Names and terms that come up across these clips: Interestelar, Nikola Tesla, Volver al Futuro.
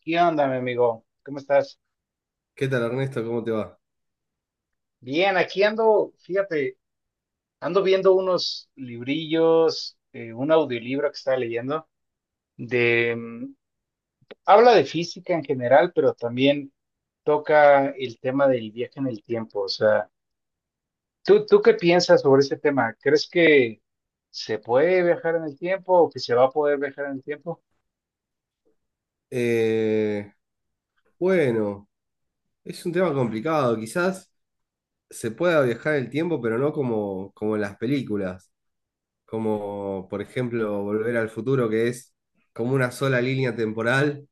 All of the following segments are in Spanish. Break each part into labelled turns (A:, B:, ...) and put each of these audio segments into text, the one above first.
A: ¿Qué onda, mi amigo? ¿Cómo estás?
B: ¿Qué tal, Ernesto? ¿Cómo te va?
A: Bien, aquí ando, fíjate, ando viendo unos librillos, un audiolibro que estaba leyendo, de, mm, habla de física en general, pero también toca el tema del viaje en el tiempo. O sea, ¿tú qué piensas sobre ese tema? ¿Crees que se puede viajar en el tiempo o que se va a poder viajar en el tiempo?
B: Eh, bueno, es un tema complicado. Quizás se pueda viajar en el tiempo, pero no como en las películas. Como por ejemplo Volver al Futuro, que es como una sola línea temporal,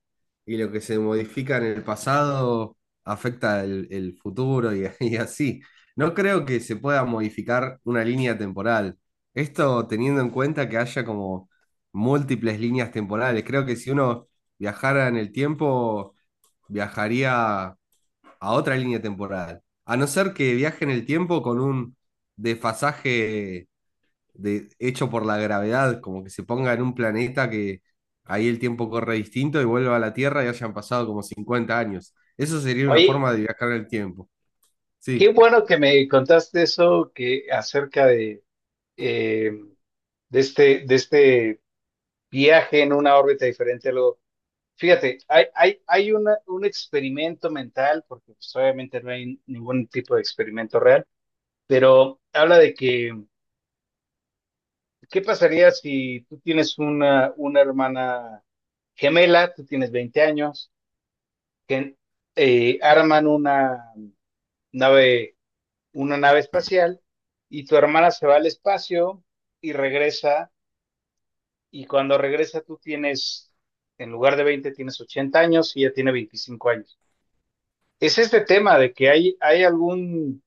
B: y lo que se modifica en el pasado afecta el futuro y, y así. No creo que se pueda modificar una línea temporal. Esto teniendo en cuenta que haya como múltiples líneas temporales. Creo que si uno viajara en el tiempo, viajaría a otra línea temporal. A no ser que viaje en el tiempo con un desfasaje de, hecho por la gravedad, como que se ponga en un planeta que ahí el tiempo corre distinto y vuelva a la Tierra y hayan pasado como 50 años. Eso sería una
A: Oye,
B: forma de viajar en el tiempo.
A: qué
B: Sí,
A: bueno que me contaste eso que acerca de, eh, de este viaje en una órbita diferente a lo... Fíjate, hay un experimento mental, porque pues, obviamente no hay ningún tipo de experimento real, pero habla de que, ¿qué pasaría si tú tienes una hermana gemela, tú tienes 20 años, que arman nave, una nave espacial y tu hermana se va al espacio y regresa, y cuando regresa tú tienes, en lugar de 20 tienes 80 años y ella tiene 25 años. Es este tema de que hay algún,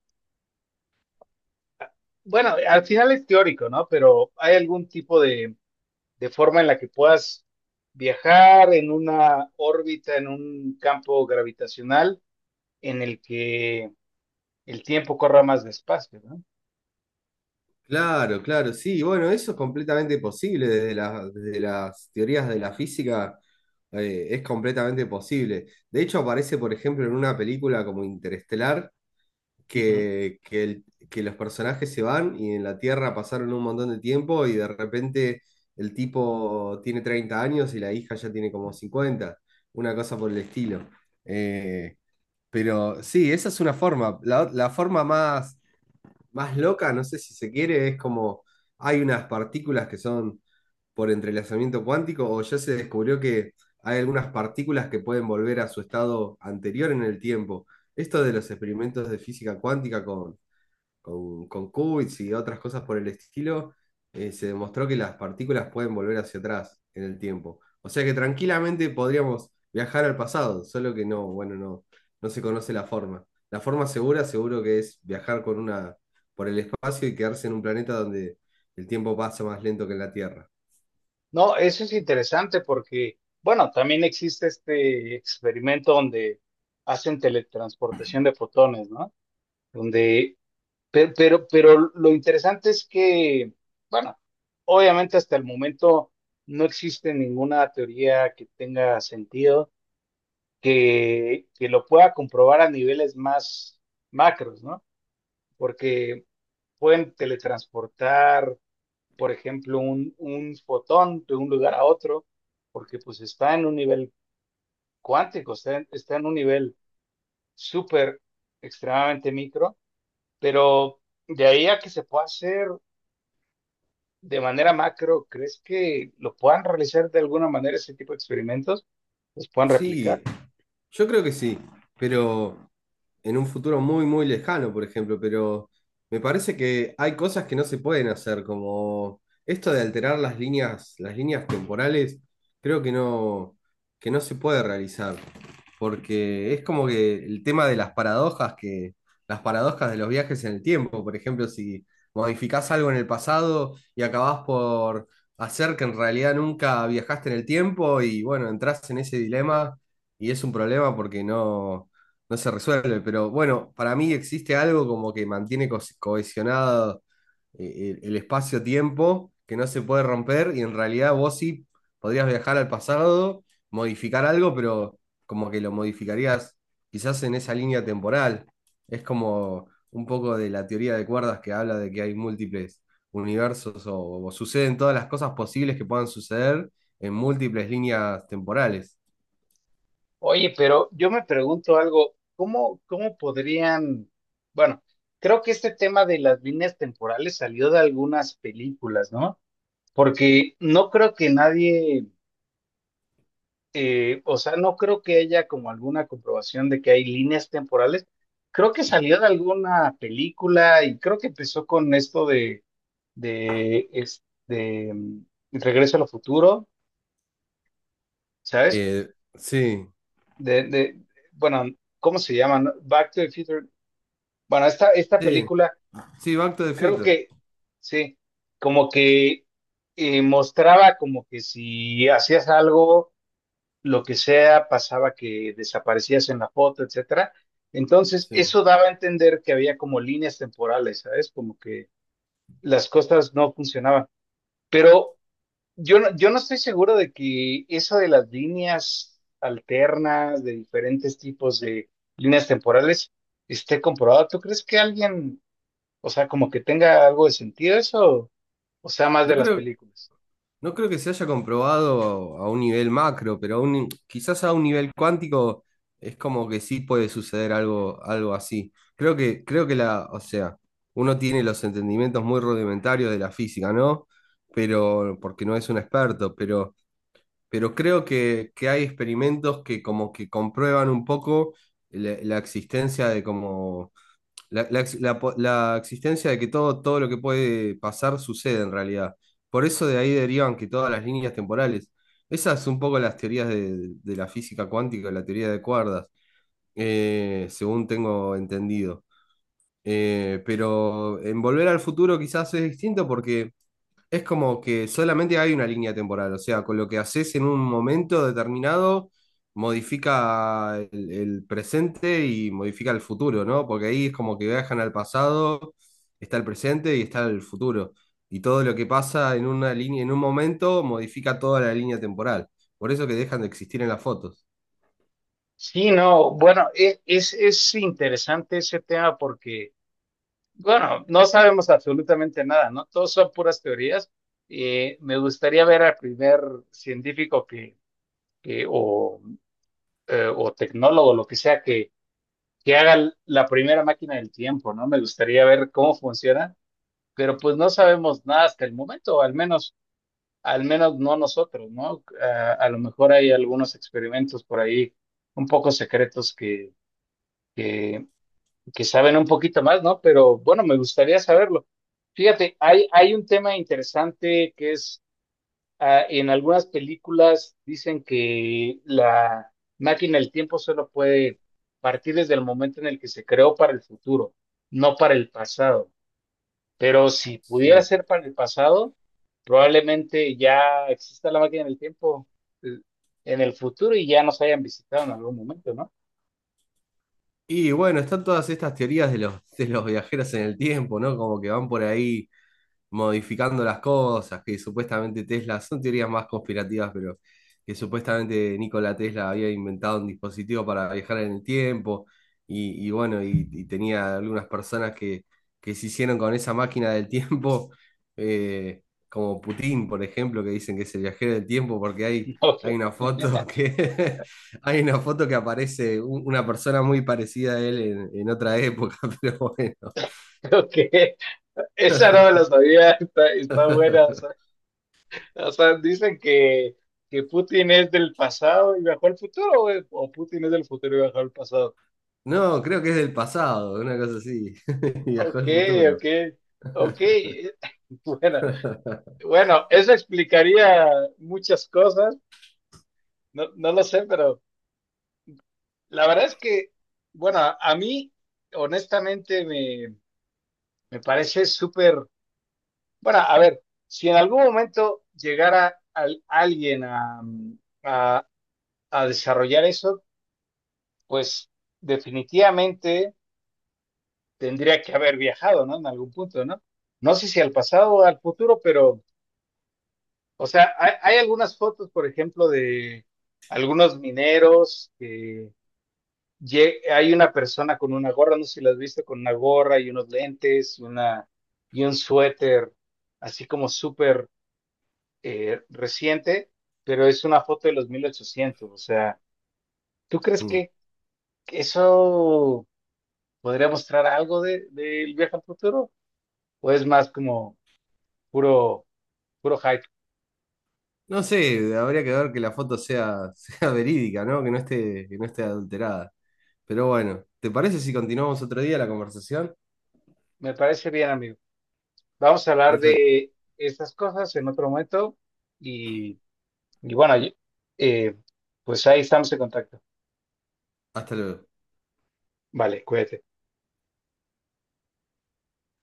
A: bueno, al final es teórico, ¿no? Pero hay algún tipo de forma en la que puedas viajar en una órbita, en un campo gravitacional en el que el tiempo corra más despacio, ¿no?
B: claro, claro, sí, bueno, eso es completamente posible desde la- desde las teorías de la física, es completamente posible. De hecho, aparece, por ejemplo, en una película como Interestelar,
A: Ujú.
B: que, que, el- que los personajes se van y en la Tierra pasaron un montón de tiempo y de repente el tipo tiene 30 años y la hija ya tiene como 50, una cosa por el estilo. Eh, pero sí, esa es una forma. La forma más, más loca, no sé si se quiere, es como hay unas partículas que son por entrelazamiento cuántico, o ya se descubrió que hay algunas partículas que pueden volver a su estado anterior en el tiempo. Esto de los experimentos de física cuántica con qubits y otras cosas por el estilo, se demostró que las partículas pueden volver hacia atrás en el tiempo. O sea que tranquilamente podríamos viajar al pasado, solo que no, bueno, no, no se conoce la forma. La forma segura seguro que es viajar con una, por el espacio y quedarse en un planeta donde el tiempo pasa más lento que en la Tierra.
A: No, eso es interesante porque, bueno, también existe este experimento donde hacen teletransportación de fotones, ¿no? Donde... Pero lo interesante es que, bueno, obviamente hasta el momento no existe ninguna teoría que tenga sentido que lo pueda comprobar a niveles más macros, ¿no? Porque pueden teletransportar, por ejemplo, un fotón de un lugar a otro, porque pues está en un nivel cuántico, está en un nivel súper extremadamente micro, pero de ahí a que se pueda hacer de manera macro, ¿crees que lo puedan realizar de alguna manera ese tipo de experimentos? ¿Los puedan
B: Sí,
A: replicar?
B: yo creo que sí, pero en un futuro muy, muy lejano, por ejemplo, pero me parece que hay cosas que no se pueden hacer, como esto de alterar las líneas temporales, creo que no se puede realizar, porque es como que el tema de las paradojas, que las paradojas de los viajes en el tiempo, por ejemplo, si modificás algo en el pasado y acabás por hacer que en realidad nunca viajaste en el tiempo y bueno, entras en ese dilema y es un problema porque no, no se resuelve. Pero bueno, para mí existe algo como que mantiene co- cohesionado el espacio-tiempo que no se puede romper y en realidad vos sí podrías viajar al pasado, modificar algo, pero como que lo modificarías quizás en esa línea temporal. Es como un poco de la teoría de cuerdas que habla de que hay múltiples universos o suceden todas las cosas posibles que puedan suceder en múltiples líneas temporales.
A: Oye, pero yo me pregunto algo, ¿cómo podrían, bueno, creo que este tema de las líneas temporales salió de algunas películas, ¿no? Porque no creo que nadie, o sea, no creo que haya como alguna comprobación de que hay líneas temporales. Creo que salió de alguna película y creo que empezó con esto de de, es- de, mm, Regreso al Futuro, ¿sabes?
B: Eh, sí,
A: De, de, bueno, ¿cómo se llama? ¿No? Back to the Future. Bueno, esta
B: sí,
A: película,
B: sí, Back to the
A: creo
B: Future.
A: que, sí, como que mostraba como que si hacías algo, lo que sea, pasaba que desaparecías en la foto, etcétera. Entonces,
B: Sí.
A: eso daba a entender que había como líneas temporales, ¿sabes? Como que las cosas no funcionaban. Pero yo no estoy seguro de que eso de las líneas alternas, de diferentes tipos de líneas temporales, esté comprobado. ¿Tú crees que alguien, o sea, como que tenga algo de sentido eso, o sea, más
B: No
A: de las
B: creo,
A: películas?
B: no creo que se haya comprobado a un nivel macro, pero a un- quizás a un nivel cuántico es como que sí puede suceder algo, algo así. Creo que la, o sea, uno tiene los entendimientos muy rudimentarios de la física, ¿no? Pero, porque no es un experto, pero creo que hay experimentos que como que comprueban un poco la existencia de como la ex- la po- la existencia de que todo, todo lo que puede pasar sucede en realidad. Por eso de ahí derivan que todas las líneas temporales. Esas son un poco las teorías de la física cuántica, la teoría de cuerdas, según tengo entendido. Pero en Volver al Futuro quizás es distinto porque es como que solamente hay una línea temporal, o sea, con lo que haces en un momento determinado, modifica el presente y modifica el futuro, ¿no? Porque ahí es como que viajan al pasado, está el presente y está el futuro. Y todo lo que pasa en una línea, en un momento, modifica toda la línea temporal. Por eso que dejan de existir en las fotos.
A: Sí, no, bueno, es interesante ese tema porque, bueno, no sabemos absolutamente nada, ¿no? Todos son puras teorías. Me gustaría ver al primer científico que o tecnólogo, lo que sea, que haga la primera máquina del tiempo, ¿no? Me gustaría ver cómo funciona, pero pues no sabemos nada hasta el momento, al menos no nosotros, ¿no? A lo mejor hay algunos experimentos por ahí un poco secretos que, que saben un poquito más, ¿no? Pero bueno, me gustaría saberlo. Fíjate, hay un tema interesante que en algunas películas dicen que la máquina del tiempo solo puede partir desde el momento en el que se creó para el futuro, no para el pasado. Pero si pudiera
B: Sí.
A: ser para el pasado, probablemente ya exista la máquina del tiempo eh, en el futuro y ya nos hayan visitado en algún momento, ¿no?
B: Y bueno, están todas estas teorías de los viajeros en el tiempo, ¿no? Como que van por ahí modificando las cosas, que supuestamente Tesla, son teorías más conspirativas, pero que supuestamente Nikola Tesla había inventado un dispositivo para viajar en el tiempo, y bueno, y tenía algunas personas que se hicieron con esa máquina del tiempo, eh, como Putin, por ejemplo, que dicen que es el viajero del tiempo, porque hay,
A: Ok,
B: hay una foto que hay una foto que aparece un- una persona muy parecida a él en otra época, pero bueno.
A: ok. Esa no me la sabía, está buena. o sea, O sea, dicen que, Putin es del pasado y viajó al futuro, güey, o Putin es del futuro y viajó al pasado.
B: No, creo que es del pasado, una cosa así. Viajó
A: Ok,
B: al futuro.
A: ok, ok. Bueno, bueno, eso explicaría muchas cosas, no, no lo sé, pero la verdad es que, bueno, a mí, honestamente, me parece súper, bueno, a ver, si en algún momento llegara al- alguien a, a a desarrollar eso, pues definitivamente tendría que haber viajado, ¿no? En algún punto, ¿no? No sé si al pasado o al futuro, pero, o sea, hay algunas fotos, por ejemplo, de algunos mineros que hay una persona con una gorra, no sé si la has visto, con una gorra y unos lentes y un suéter, así como súper reciente, pero es una foto de los 1800. O sea, ¿tú crees
B: Mm.
A: que eso podría mostrar algo de, del viaje al futuro? ¿O es más como puro... Puro hype?
B: No sé, habría que ver que la foto sea, sea verídica, ¿no? Que no esté adulterada. Pero bueno, ¿te parece si continuamos otro día la conversación?
A: Me parece bien, amigo. Vamos a hablar
B: Perfecto.
A: de estas cosas en otro momento y, y bueno, eh, pues ahí estamos en contacto.
B: Hasta luego.
A: Vale, cuídate.